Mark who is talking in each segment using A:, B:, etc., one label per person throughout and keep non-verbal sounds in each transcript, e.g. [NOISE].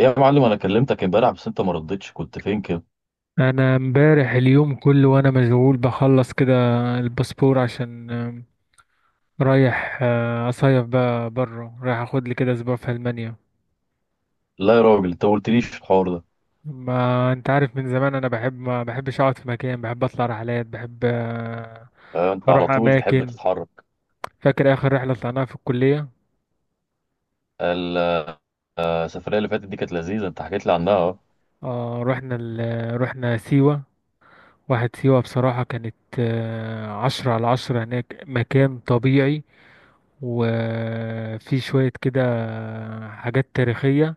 A: يا معلم، انا كلمتك امبارح بس انت ما ردتش. كنت فين كده؟
B: انا امبارح اليوم كله وانا مشغول بخلص كده الباسبور عشان رايح اصيف بقى بره، رايح اخد لي كده اسبوع في المانيا.
A: لا يا راجل، انت ما قلتليش الحوار ده.
B: ما انت عارف من زمان انا بحب، ما بحبش اقعد في مكان، بحب اطلع رحلات، بحب
A: انت على
B: اروح
A: طول تحب
B: اماكن.
A: تتحرك.
B: فاكر اخر رحله طلعناها في الكليه؟
A: ال- السفريه اللي فاتت دي كانت لذيذه، انت حكيت لي عنها، اه.
B: رحنا سيوه. واحد سيوه بصراحه كانت عشرة على عشرة، هناك مكان طبيعي وفي شويه كده حاجات تاريخيه.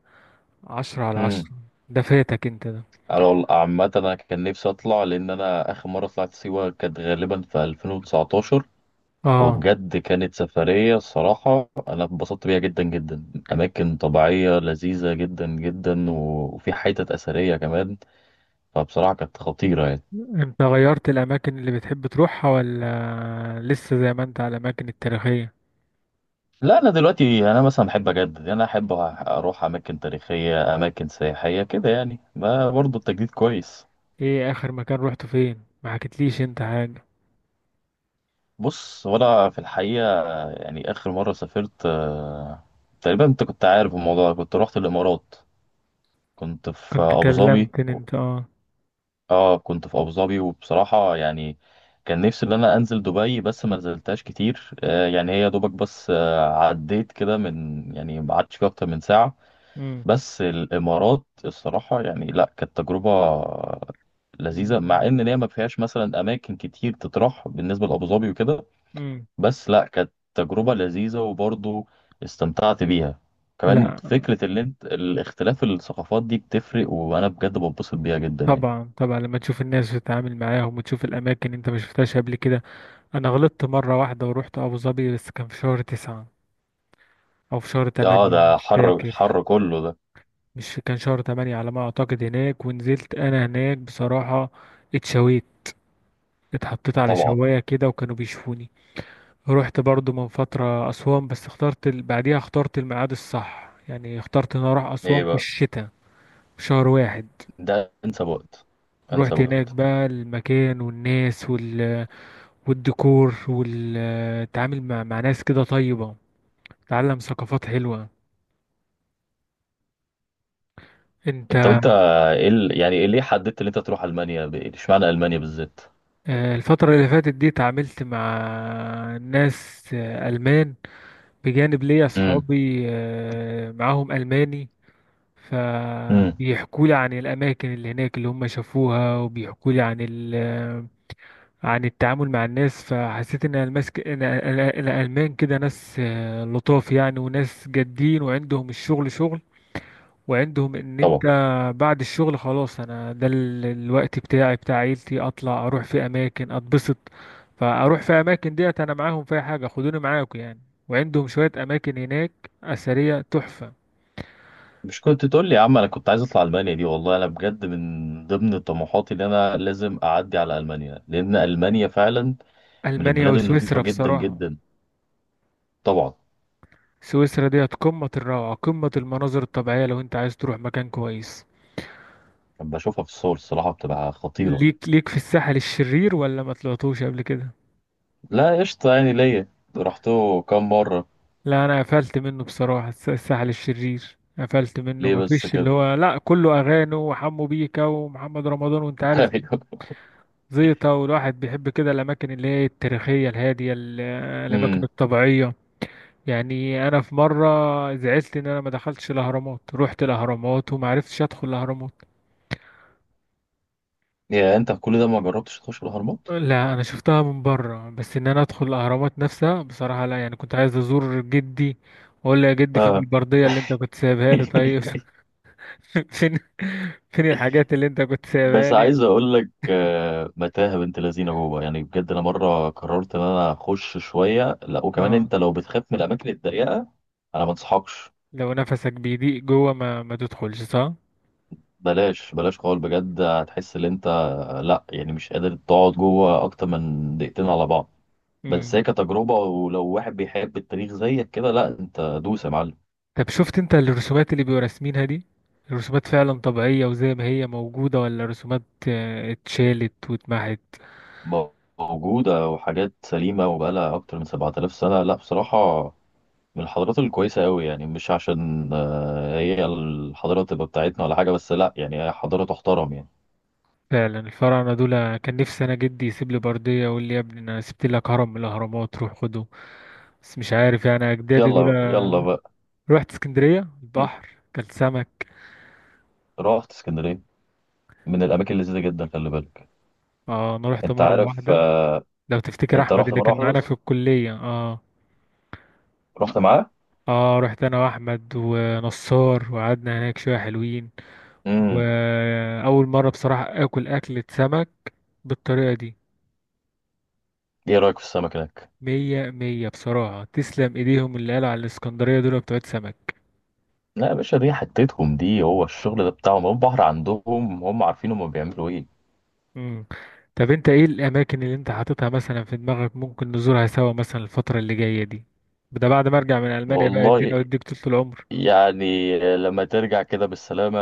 B: عشرة على عشرة.
A: امم.
B: ده فاتك انت ده.
A: على عامه انا كان نفسي اطلع، لان انا اخر مره طلعت سيوه كانت غالبا في 2019.
B: اه.
A: وبجد كانت سفريه، الصراحه انا اتبسطت بيها جدا جدا. اماكن طبيعيه لذيذه جدا جدا، وفي حتت اثريه كمان. فبصراحه كانت خطيره يعني.
B: انت غيرت الاماكن اللي بتحب تروحها ولا لسه زي ما انت على الاماكن التاريخية؟
A: لا انا دلوقتي انا مثلا بحب اجدد، يعني انا احب اروح اماكن تاريخيه، اماكن سياحيه كده، يعني ما برضه التجديد كويس.
B: ايه اخر مكان روحته؟ فين؟ ما حكيتليش انت حاجة.
A: بص، وانا في الحقيقه يعني اخر مره سافرت، تقريبا انت كنت عارف الموضوع ده. كنت رحت الامارات. كنت في
B: كنت أخر
A: ابو ظبي.
B: كلمتني انت، اه.
A: اه كنت في ابو ظبي، وبصراحه يعني كان نفسي ان انا انزل دبي، بس ما نزلتهاش كتير. يعني هي دوبك بس، عديت كده من، يعني ما قعدتش فيها اكتر من ساعه.
B: امم.
A: بس الامارات الصراحه يعني، لا كانت تجربه لذيذه، مع ان هي ما فيهاش مثلا اماكن كتير تطرح بالنسبه لابو ظبي وكده.
B: امم.
A: بس لا كانت تجربه لذيذه، وبرضه استمتعت بيها. كمان
B: لا.
A: فكره اللي انت الاختلاف الثقافات دي بتفرق، وانا بجد بنبسط بيها جدا يعني.
B: طبعا طبعا، لما تشوف الناس وتتعامل معاهم وتشوف الاماكن انت ما شفتهاش قبل كده. انا غلطت مرة واحدة ورحت ابو ظبي، بس كان في شهر تسعة او في شهر
A: اه
B: تمانية
A: ده
B: مش
A: حر،
B: فاكر.
A: الحر كله ده.
B: مش كان شهر تمانية على ما أعتقد هناك، ونزلت أنا هناك بصراحة اتشويت، اتحطيت على
A: طبعا.
B: شواية كده وكانوا بيشوفوني. رحت برضو من فترة أسوان، بس اخترت بعديها اخترت الميعاد الصح، يعني اخترت إن أنا أروح أسوان
A: ايه
B: في
A: بقى.
B: الشتاء، في شهر واحد.
A: ده انسب وقت. انسب
B: رحت هناك
A: وقت.
B: بقى المكان والناس والديكور والتعامل مع ناس كده طيبة، تعلم ثقافات حلوة. انت،
A: انت، وانت ايه يعني إيه ليه حددت ان انت تروح المانيا، اشمعنى المانيا بالذات؟
B: الفترة اللي فاتت دي تعاملت مع ناس ألمان، بجانب ليا أصحابي معاهم ألماني،
A: امم.
B: فبيحكوا لي عن الأماكن اللي هناك اللي هم شافوها، وبيحكوا لي عن ال آه، عن التعامل مع الناس. فحسيت إن المسك... إن ال- ال- الألمان كده ناس لطاف يعني، وناس جادين وعندهم الشغل شغل، وعندهم ان انت
A: طبعا.
B: بعد الشغل خلاص، انا ده الوقت بتاعي بتاع عيلتي، اطلع اروح في اماكن اتبسط، فاروح في اماكن ديت انا معاهم في أي حاجه، خدوني معاكم يعني. وعندهم شويه اماكن هناك اثريه تحفه.
A: مش كنت تقول لي يا عم؟ انا كنت عايز اطلع المانيا دي، والله انا بجد من ضمن طموحاتي ان انا لازم اعدي على المانيا، لان المانيا فعلا من
B: المانيا
A: البلاد النظيفه
B: وسويسرا
A: جدا
B: بصراحه،
A: جدا. طبعا.
B: سويسرا ديت قمه الروعه، قمه المناظر الطبيعيه، لو انت عايز تروح مكان كويس.
A: لما بشوفها في الصور الصراحه بتبقى خطيره.
B: ليك في الساحل الشرير؟ ولا ما طلعتوش قبل كده؟
A: لا قشطه يعني ليا. رحته كام مره؟
B: لا انا قفلت منه بصراحه، الساحل الشرير قفلت منه،
A: ليه بس
B: مفيش اللي
A: كده؟
B: هو لا، كله اغاني وحمو بيكا ومحمد رمضان وانت
A: [LAUGHS]
B: عارف،
A: ايوه.
B: زيطه. والواحد بيحب كده الاماكن اللي هي التاريخيه الهاديه، الاماكن
A: امم.
B: الطبيعيه. يعني انا في مره زعلت ان انا ما دخلتش الاهرامات، رحت الاهرامات وما عرفتش ادخل الاهرامات.
A: يا انت كل ده ما جربتش تخش الاهرامات؟
B: لا انا شفتها من بره، بس ان انا ادخل الاهرامات نفسها بصراحه لا، يعني كنت عايز ازور جدي واقول له يا جدي فين
A: اه.
B: البرديه اللي انت كنت سايبها لي، طيب.
A: [LAUGHS]
B: [LAUGHS] [LAUGHS] فين؟ فين الحاجات اللي انت كنت سايبها
A: بس
B: لي؟
A: عايز اقول لك، متاهه بنت لذينه جوه، يعني بجد انا مره قررت ان انا اخش شويه، لا وكمان
B: اه.
A: انت لو بتخاف من الاماكن الضيقه انا ما انصحكش.
B: لو نفسك بيضيق جوه ما تدخلش، صح.
A: بلاش بلاش خالص، بجد هتحس ان انت، لا يعني مش قادر تقعد جوه اكتر من دقيقتين على بعض. بس
B: امم.
A: هي كتجربه، ولو واحد بيحب التاريخ زيك كده، لا انت دوس يا معلم.
B: طب شفت انت الرسومات اللي بيبقوا راسمينها دي؟ الرسومات فعلا طبيعية وزي ما هي موجودة، ولا رسومات اتشالت واتمحت؟
A: موجوده وحاجات سليمه، وبقالها اكتر من 7000 سنه. لا بصراحه من الحضارات الكويسة أوي، يعني مش عشان هي الحضارة تبقى بتاعتنا ولا حاجة، بس لأ يعني هي حضارة تحترم يعني.
B: فعلا الفراعنة دول كان نفسي انا جدي يسيب لي بردية ويقول لي يا ابني انا سبت لك هرم من الاهرامات روح خده. بس مش عارف يعني اجدادي دول.
A: يلا يلا بقى.
B: رحت اسكندرية، البحر
A: [LAUGHS]
B: كان سمك.
A: رحت اسكندرية؟ من الأماكن اللذيذة جدا، خلي بالك.
B: اه، انا رحت
A: أنت
B: مرة
A: عارف،
B: واحدة. لو تفتكر
A: أنت
B: احمد
A: رحت
B: اللي
A: مرة
B: كان
A: واحدة
B: معانا في
A: بس؟
B: الكلية؟ اه.
A: رحت معاه.
B: اه، رحت انا واحمد ونصار وقعدنا هناك شويه حلوين.
A: امم.
B: واول مره بصراحه اكل اكله سمك بالطريقه دي.
A: إيه رأيك في السمك هناك؟
B: مية مية بصراحه، تسلم ايديهم اللي قالوا على الاسكندريه دول بتوع سمك.
A: لا يا باشا، دي حتتهم دي، هو الشغل ده بتاعهم، هو البحر عندهم. هم عارفين هم بيعملوا إيه.
B: مم. طب انت ايه الاماكن اللي انت حاططها مثلا في دماغك ممكن نزورها سوا مثلا الفتره اللي جايه دي، ده بعد ما ارجع من المانيا بقى،
A: والله
B: ادينا واديك طول العمر.
A: يعني لما ترجع كده بالسلامة،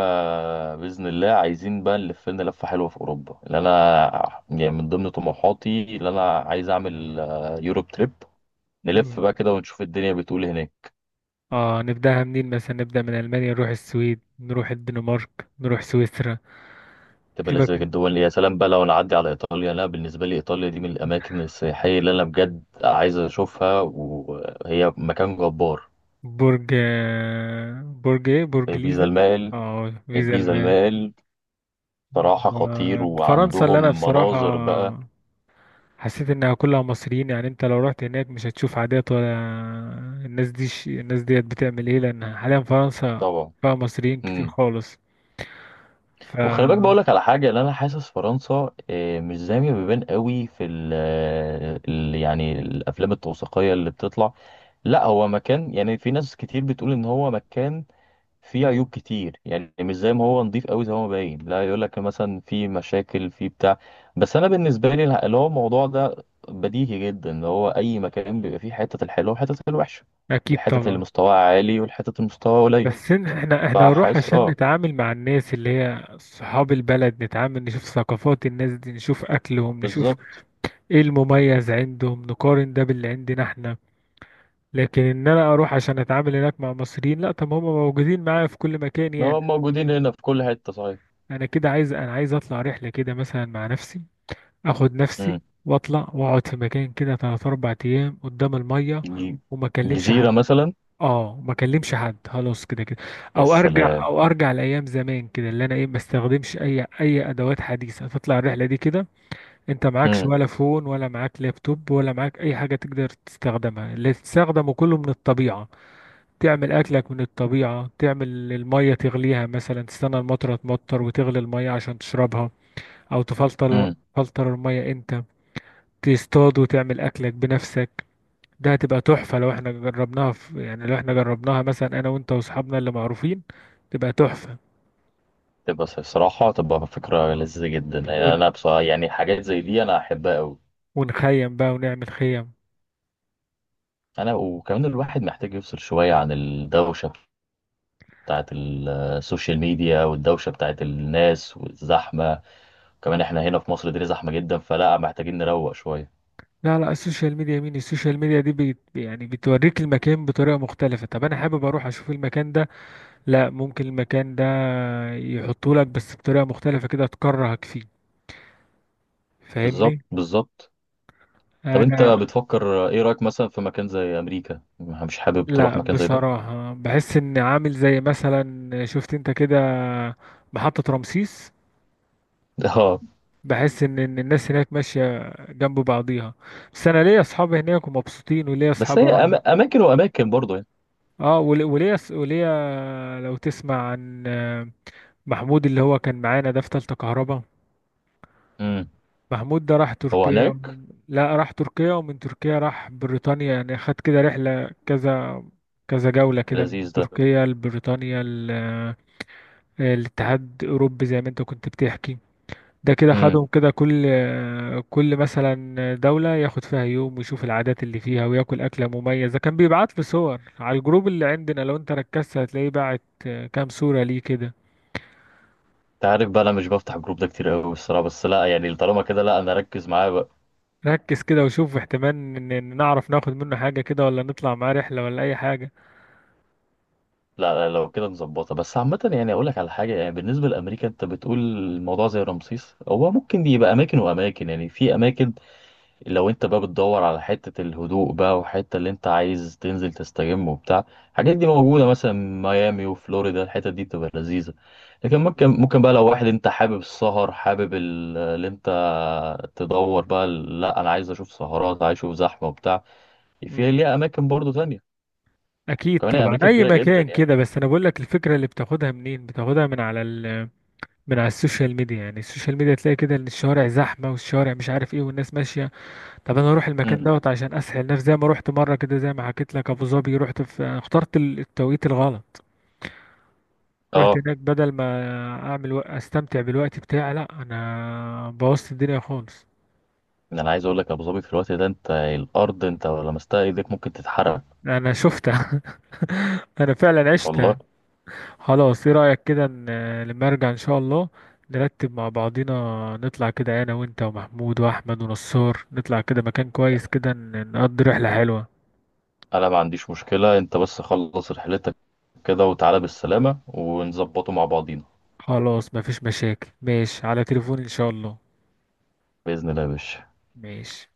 A: بإذن الله، عايزين بقى نلف لنا لفة حلوة في أوروبا. اللي أنا يعني من ضمن طموحاتي اللي أنا عايز أعمل، يوروب تريب، نلف
B: مم.
A: بقى كده ونشوف الدنيا بتقول إيه هناك.
B: اه، نبداها منين؟ مثلا نبدا من المانيا، نروح السويد، نروح الدنمارك، نروح سويسرا.
A: تبقى
B: سيبك.
A: لذيذة جدا الدول. يا سلام بقى لو نعدي على إيطاليا، لا بالنسبة لي إيطاليا دي من الأماكن السياحية اللي أنا بجد عايز أشوفها، وهي مكان جبار.
B: برج، برج ايه؟ برج
A: بيزا
B: ليزا.
A: المائل.
B: اه، فيزا
A: البيزا
B: المان.
A: المائل، صراحة خطير،
B: فرنسا، اللي انا
A: وعندهم
B: بصراحة
A: مناظر بقى.
B: حسيت انها كلها مصريين، يعني انت لو رحت هناك مش هتشوف عادات ولا. الناس ديت بتعمل ايه، لان حاليا فرنسا
A: طبعا.
B: فيها مصريين كتير
A: مم.
B: خالص.
A: وخلي بالك بقول
B: ف
A: لك على حاجه، اللي انا حاسس فرنسا، مش زي ما بيبان قوي في يعني الافلام التوثيقيه اللي بتطلع. لا هو مكان يعني في ناس كتير بتقول ان هو مكان فيه عيوب
B: مم.
A: كتير، يعني مش زي ما هو نظيف قوي زي ما هو باين، لا يقول لك مثلا في مشاكل في بتاع. بس انا بالنسبه لي اللي هو الموضوع ده بديهي جدا، اللي هو اي مكان بيبقى فيه حته الحلوه وحته الوحشه،
B: اكيد
A: الحتت اللي
B: طبعا.
A: مستواها عالي والحتت اللي مستواها قليل.
B: بس احنا نروح
A: فحاسس،
B: عشان
A: اه.
B: نتعامل مع الناس اللي هي صحاب البلد، نتعامل، نشوف ثقافات الناس دي، نشوف اكلهم، نشوف
A: بالظبط.
B: ايه المميز عندهم، نقارن ده باللي عندنا احنا. لكن ان انا اروح عشان اتعامل هناك مع مصريين، لا، طب هم موجودين معايا في كل مكان يعني.
A: هو موجودين هنا في كل حتة، صحيح.
B: انا عايز اطلع رحلة كده مثلا مع نفسي، اخد نفسي
A: امم.
B: واطلع واقعد في مكان كده 3 4 ايام قدام المية،
A: ج-
B: وما اكلمش
A: جزيرة
B: حد.
A: مثلا.
B: اه، ما اكلمش حد خلاص كده كده.
A: يا سلام.
B: او ارجع لايام زمان كده، اللي انا ايه ما استخدمش اي ادوات حديثة، تطلع الرحلة دي كده انت معكش
A: امم.
B: ولا فون ولا معاك لابتوب ولا معاك اي حاجة تقدر تستخدمها، اللي تستخدمه كله من الطبيعة، تعمل اكلك من الطبيعة، تعمل المية تغليها مثلا، تستنى المطرة تمطر وتغلي المية عشان تشربها، او تفلتر
A: امم.
B: تفلتر المية انت، تصطاد وتعمل اكلك بنفسك. ده هتبقى تحفة لو احنا جربناها، في يعني لو احنا جربناها مثلا انا وانت واصحابنا اللي معروفين، تبقى تحفة.
A: تبقى صراحة تبقى فكرة لذيذة جدا، يعني
B: ون...
A: أنا بصراحة يعني حاجات زي دي أنا أحبها أوي.
B: ونخيم بقى ونعمل خيم.
A: أنا وكمان الواحد محتاج يفصل شوية عن الدوشة بتاعت السوشيال ميديا، والدوشة بتاعت الناس والزحمة. كمان إحنا هنا في مصر الدنيا زحمة جدا، فلا محتاجين نروق شوية.
B: لا لا، السوشيال ميديا مين؟ السوشيال ميديا دي يعني بتوريك المكان بطريقة مختلفة، طب انا حابب اروح اشوف المكان ده، لا، ممكن المكان ده يحطه لك بس بطريقة مختلفة كده تكرهك فيه.
A: بالظبط
B: فاهمني؟
A: بالظبط. طب أنت
B: انا
A: بتفكر إيه رأيك مثلا في مكان زي أمريكا؟ مش حابب تروح
B: لا،
A: مكان زي ده؟
B: بصراحة بحس ان عامل زي مثلا شفت انت كده محطة رمسيس.
A: [LAUGHS]
B: بحس إن الناس هناك ماشية جنب بعضيها. بس انا ليا اصحاب هناك ومبسوطين، وليا
A: بس
B: اصحاب
A: هي
B: اروح.
A: اماكن واماكن برضه يعني.
B: اه وليا لو تسمع عن محمود اللي هو كان معانا ده في تالتة كهرباء.
A: امم.
B: محمود ده راح
A: هو
B: تركيا
A: هناك.
B: لا، راح تركيا ومن تركيا راح بريطانيا، يعني خد كده رحلة كذا كذا جولة كده، من
A: لذيذ ده.
B: تركيا لبريطانيا الاتحاد الأوروبي زي ما انت كنت بتحكي. ده كده
A: امم.
B: خدهم كده كل مثلا دولة ياخد فيها يوم، ويشوف العادات اللي فيها وياكل أكلة مميزة. كان بيبعت لي صور على الجروب اللي عندنا، لو انت ركزت هتلاقيه بعت كام صورة ليه كده.
A: انت عارف بقى انا مش بفتح الجروب ده كتير قوي الصراحه، بس لا يعني طالما كده، لا انا اركز معاه بقى.
B: ركز كده، وشوف احتمال إن نعرف ناخد منه حاجة كده، ولا نطلع معاه رحلة، ولا أي حاجة.
A: لا لا، لو كده مظبطه. بس عامه يعني اقول لك على حاجه، يعني بالنسبه لامريكا، انت بتقول الموضوع زي رمسيس، هو ممكن دي يبقى اماكن واماكن يعني. في اماكن لو انت بقى بتدور على حتة الهدوء بقى، وحتة اللي انت عايز تنزل تستجم وبتاع، الحاجات دي موجودة، مثلا ميامي وفلوريدا، الحتة دي بتبقى لذيذة. لكن ممكن
B: مم.
A: ممكن بقى لو واحد انت حابب السهر، حابب اللي انت، تدور بقى، لا انا عايز اشوف سهرات، عايز اشوف زحمة وبتاع، في
B: مم.
A: ليها اماكن برضو تانية.
B: أكيد
A: كمان هي
B: طبعا
A: امريكا
B: أي
A: كبيرة جدا
B: مكان
A: يعني.
B: كده، بس أنا بقول لك الفكرة اللي بتاخدها منين؟ بتاخدها من على من على السوشيال ميديا، يعني السوشيال ميديا تلاقي كده إن الشوارع زحمة، والشوارع مش عارف إيه والناس ماشية. طب انا اروح المكان
A: امم.
B: دوت عشان اسهل نفسي؟ زي ما رحت مره كده زي ما حكيت لك، ابو ظبي رحت في، أنا اخترت التوقيت الغلط، رحت
A: اه.
B: هناك بدل ما اعمل استمتع بالوقت بتاعي، لا انا بوظت الدنيا خالص.
A: يعني انا عايز اقول لك، ابو ظبي في الوقت ده انت الارض انت لو لمستها ايدك ممكن تتحرق.
B: انا شفتها. [LAUGHS] انا فعلا
A: والله
B: عشتها. خلاص ايه رايك كده لما ارجع ان شاء الله نرتب مع بعضينا، نطلع كده انا وانت ومحمود واحمد ونصار، نطلع كده مكان كويس كده نقضي رحله حلوه.
A: انا ما عنديش مشكلة. انت بس خلص رحلتك كده وتعالى بالسلامة، ونظبطه مع بعضينا.
B: خلاص مفيش مشاكل، ماشي على تليفوني ان شاء الله.
A: بإذن الله يا باشا.
B: ماشي.